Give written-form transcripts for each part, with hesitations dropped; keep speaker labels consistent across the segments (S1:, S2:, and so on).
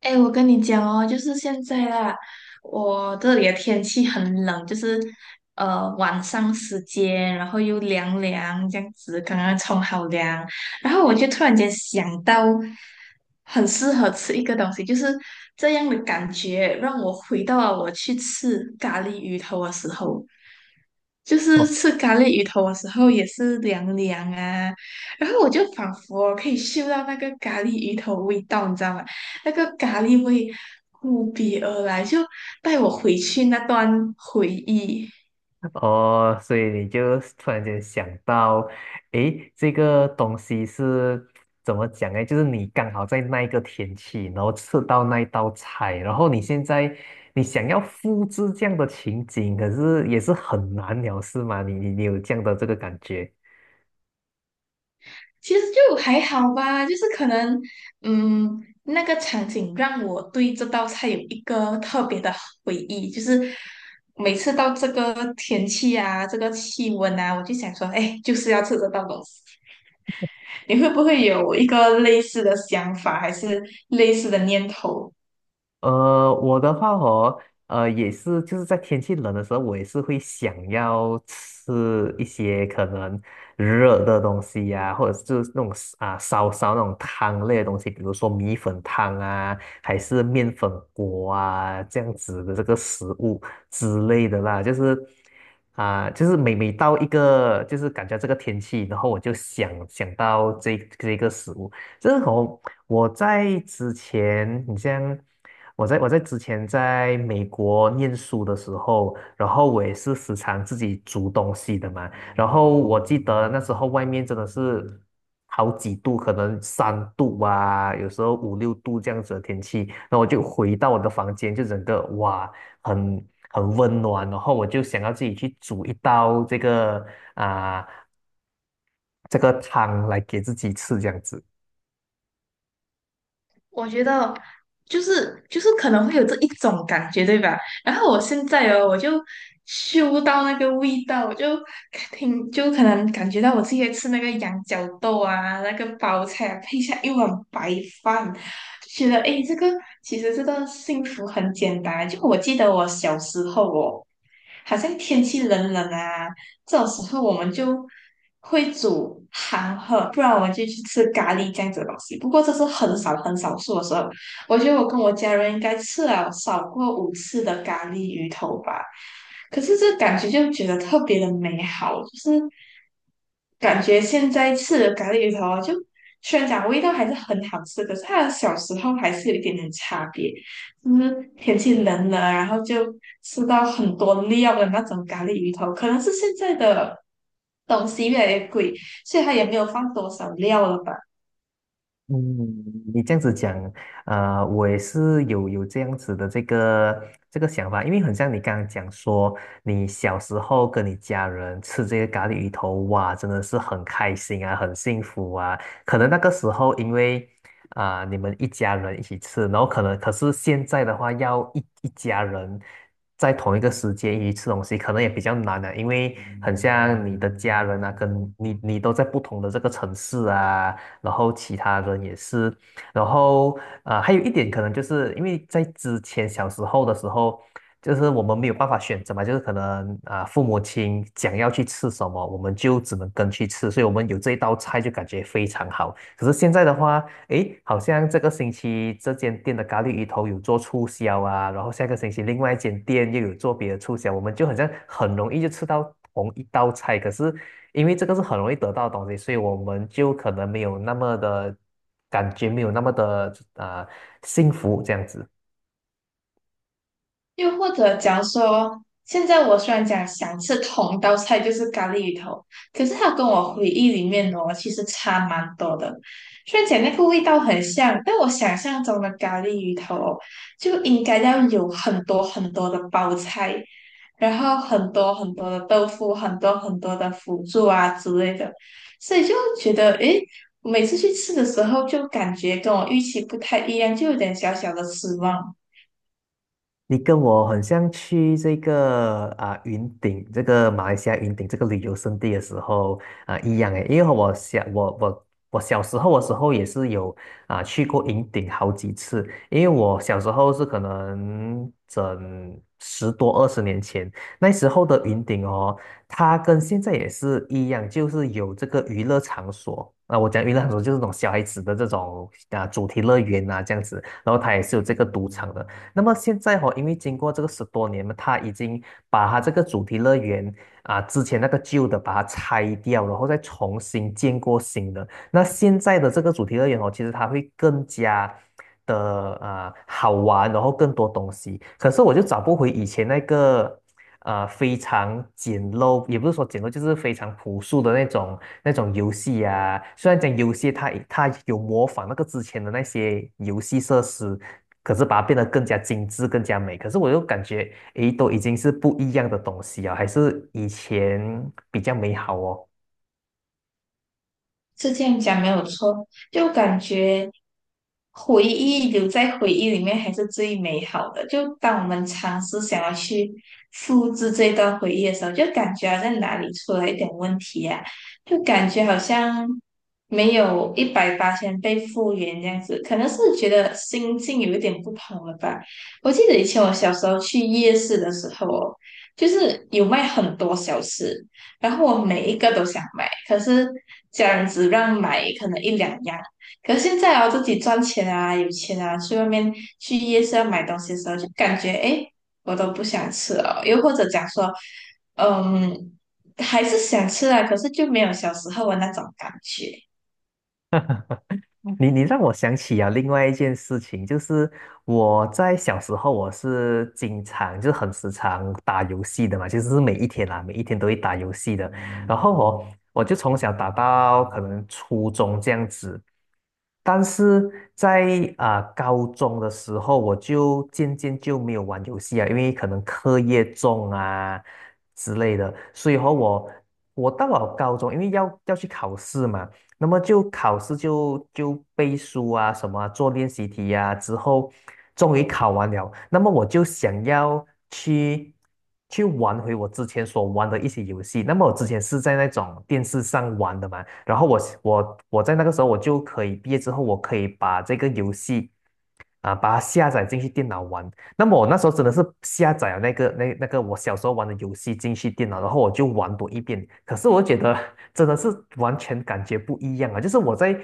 S1: 哎，我跟你讲哦，就是现在啦，我这里的天气很冷，就是晚上时间，然后又凉凉这样子，刚刚冲好凉，然后我就突然间想到，很适合吃一个东西，就是这样的感觉，让我回到了我去吃咖喱鱼头的时候，就 是
S2: 哦
S1: 吃咖喱鱼头的时候也是凉凉啊，然后我就仿佛可以嗅到那个咖喱鱼头味道，你知道吗？那个咖喱味扑鼻而来，就带我回去那段回忆。
S2: 哦，所以你就突然间想到，诶，这个东西是怎么讲呢？就是你刚好在那一个天气，然后吃到那一道菜，然后你现在你想要复制这样的情景，可是也是很难了，是吗？你有这样的这个感觉？
S1: 其实就还好吧，就是可能，嗯，那个场景让我对这道菜有一个特别的回忆，就是每次到这个天气啊，这个气温啊，我就想说，哎，就是要吃这道东西。你会不会有一个类似的想法，还是类似的念头？
S2: 我的话哦，也是，就是在天气冷的时候，我也是会想要吃一些可能热的东西呀、或者是就是那种烧烧那种汤类的东西，比如说米粉汤啊，还是面粉锅啊这样子的这个食物之类的啦，就是每每到一个就是感觉这个天气，然后我就想到这个食物。这是我在之前，你像我在之前在美国念书的时候，然后我也是时常自己煮东西的嘛。然后我记得那时候外面真的是好几度，可能3度啊，有时候5、6度这样子的天气。那我就回到我的房间，就整个哇，很温暖。然后我就想要自己去煮一道啊、这个汤来给自己吃这样子。
S1: 我觉得就是可能会有这一种感觉，对吧？然后我现在哦，我就嗅到那个味道，我就听就可能感觉到我自己在吃那个羊角豆啊，那个包菜啊配下一碗白饭，就觉得诶，这个其实这个幸福很简单。就我记得我小时候哦，好像天气冷冷啊。这种时候我们就会煮韩喝，不然我们就去吃咖喱这样子的东西。不过这是很少很少数的时候，我觉得我跟我家人应该吃了少过5次的咖喱鱼头吧。可是这感觉就觉得特别的美好，就是感觉现在吃的咖喱鱼头啊就虽然讲味道还是很好吃，可是它的小时候还是有一点点差别。就是天气冷了，然后就吃到很多料的那种咖喱鱼头，可能是现在的东西越来越贵，所以它也没有放多少料了吧？
S2: 嗯，你这样子讲，我也是有这样子的这个想法，因为很像你刚刚讲说，你小时候跟你家人吃这个咖喱鱼头，哇，真的是很开心啊，很幸福啊。可能那个时候因为你们一家人一起吃，然后可是现在的话，要一家人在同一个时间一起吃东西，可能也比较难了、因为很像你的家人啊，跟你都在不同的这个城市啊。然后其他人也是，然后还有一点可能就是因为在之前小时候的时候，就是我们没有办法选择嘛，就是可能父母亲想要去吃什么，我们就只能跟去吃，所以我们有这一道菜就感觉非常好。可是现在的话，诶，好像这个星期这间店的咖喱鱼头有做促销啊，然后下个星期另外一间店又有做别的促销，我们就好像很容易就吃到同一道菜，可是因为这个是很容易得到的东西，所以我们就可能没有那么的感觉，没有那么的幸福这样子。
S1: 又或者假如说，现在我虽然讲想吃同道菜就是咖喱鱼头，可是它跟我回忆里面哦，其实差蛮多的。虽然讲那个味道很像，但我想象中的咖喱鱼头哦就应该要有很多很多的包菜。然后很多很多的豆腐，很多很多的辅助啊之类的，所以就觉得，诶，我每次去吃的时候就感觉跟我预期不太一样，就有点小小的失望。
S2: 你跟我很像去这个云顶，这个马来西亚云顶这个旅游胜地的时候一样诶，因为我小时候的时候也是有去过云顶好几次，因为我小时候是可能整10多20年前，那时候的云顶哦，它跟现在也是一样，就是有这个娱乐场所。啊，我讲娱乐场所就是那种小孩子的这种主题乐园啊这样子，然后它也是有这个赌场的。那么现在哦，因为经过这个10多年嘛，他已经把他这个主题乐园之前那个旧的把它拆掉，然后再重新建过新的。那现在的这个主题乐园哦，其实它会更加的好玩，然后更多东西。可是我就找不回以前那个非常简陋，也不是说简陋，就是非常朴素的那种游戏啊。虽然讲游戏它有模仿那个之前的那些游戏设施，可是把它变得更加精致、更加美。可是我又感觉，诶，都已经是不一样的东西啊，还是以前比较美好哦。
S1: 是这样讲没有错，就感觉回忆留在回忆里面还是最美好的。就当我们尝试想要去复制这段回忆的时候，就感觉好像哪里出了一点问题啊，就感觉好像没有一百八千被复原这样子，可能是觉得心境有一点不同了吧。我记得以前我小时候去夜市的时候哦，就是有卖很多小吃。然后我每一个都想买，可是家人只让买可能一两样。可是现在啊，自己赚钱啊，有钱啊，去外面去夜市要买东西的时候，就感觉诶，我都不想吃了。又或者讲说，嗯，还是想吃啊，可是就没有小时候的那种感觉。
S2: 你让我想起啊，另外一件事情，就是我在小时候，我是经常就是很时常打游戏的嘛，其实是每一天啦，每一天都会打游戏的。然后我就从小打到可能初中这样子，但是在高中的时候，我就渐渐就没有玩游戏啊，因为可能课业重啊之类的，所以和我到了高中，因为要去考试嘛。那么就考试就背书啊，什么啊做练习题呀、之后终于考完了。那么我就想要去去玩回我之前所玩的一些游戏。那么我之前是在那种电视上玩的嘛，然后我在那个时候我就可以毕业之后，我可以把这个游戏啊，把它下载进去电脑玩。那么我那时候真的是下载了那个我小时候玩的游戏进去电脑，然后我就玩多一遍。可是我觉得真的是完全感觉不一样啊！就是我在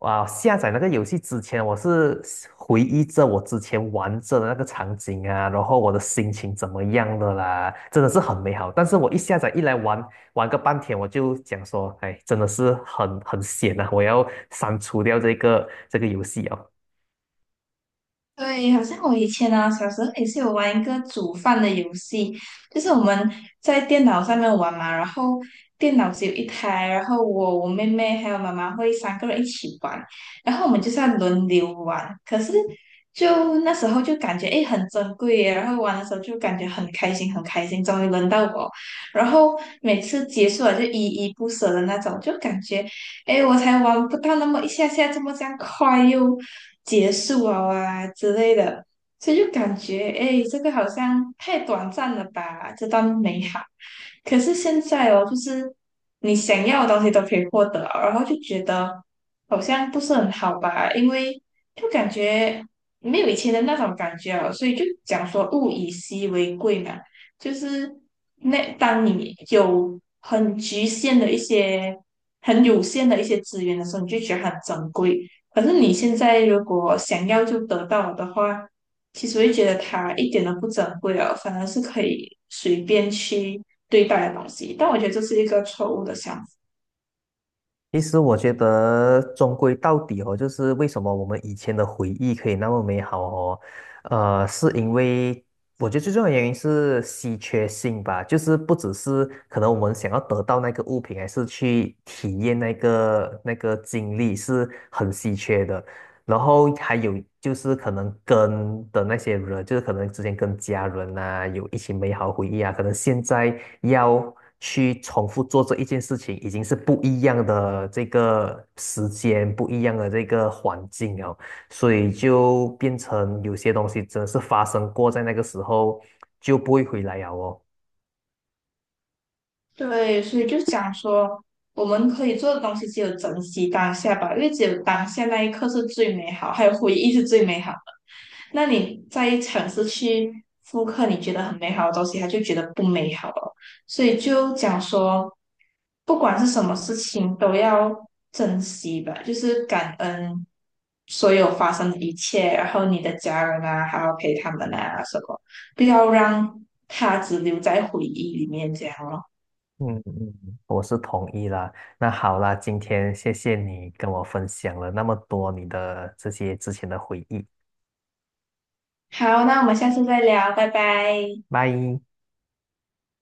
S2: 啊、下载那个游戏之前，我是回忆着我之前玩着的那个场景啊，然后我的心情怎么样的啦，真的是很美好。但是我一下载一来玩玩个半天，我就讲说，哎，真的是很闲啊，我要删除掉这个游戏啊。
S1: 对，好像我以前啊，小时候也是有玩一个煮饭的游戏，就是我们在电脑上面玩嘛，然后电脑只有一台，然后我、我妹妹还有妈妈会3个人一起玩，然后我们就是要轮流玩。可是就那时候就感觉诶很珍贵耶，然后玩的时候就感觉很开心很开心，终于轮到我，然后每次结束了就依依不舍的那种，就感觉哎，我才玩不到那么一下下，这么这样快又结束了啊之类的，所以就感觉哎，这个好像太短暂了吧，这段美好。可是现在哦，就是你想要的东西都可以获得，然后就觉得好像不是很好吧，因为就感觉没有以前的那种感觉了，所以就讲说物以稀为贵嘛。就是那当你有很局限的一些、很有限的一些资源的时候，你就觉得它很珍贵。可是你现在如果想要就得到的话，其实会觉得它一点都不珍贵了，反而是可以随便去对待的东西。但我觉得这是一个错误的想法。
S2: 其实我觉得，终归到底哦，就是为什么我们以前的回忆可以那么美好哦，是因为我觉得最重要的原因是稀缺性吧，就是不只是可能我们想要得到那个物品，还是去体验那个经历是很稀缺的。然后还有就是可能跟的那些人，就是可能之前跟家人啊有一起美好回忆啊，可能现在要去重复做这一件事情，已经是不一样的这个时间，不一样的这个环境哦，所以就变成有些东西真的是发生过在那个时候就不会回来了哦。
S1: 对，所以就讲说，我们可以做的东西只有珍惜当下吧，因为只有当下那一刻是最美好，还有回忆是最美好。那你再尝试去复刻你觉得很美好的东西，他就觉得不美好了。所以就讲说，不管是什么事情都要珍惜吧，就是感恩所有发生的一切，然后你的家人啊，还要陪他们啊什么，不要让它只留在回忆里面这样咯。
S2: 嗯嗯，我是同意啦。那好啦，今天谢谢你跟我分享了那么多你的这些之前的回忆。
S1: 好，那我们下次再聊，拜拜。
S2: 拜。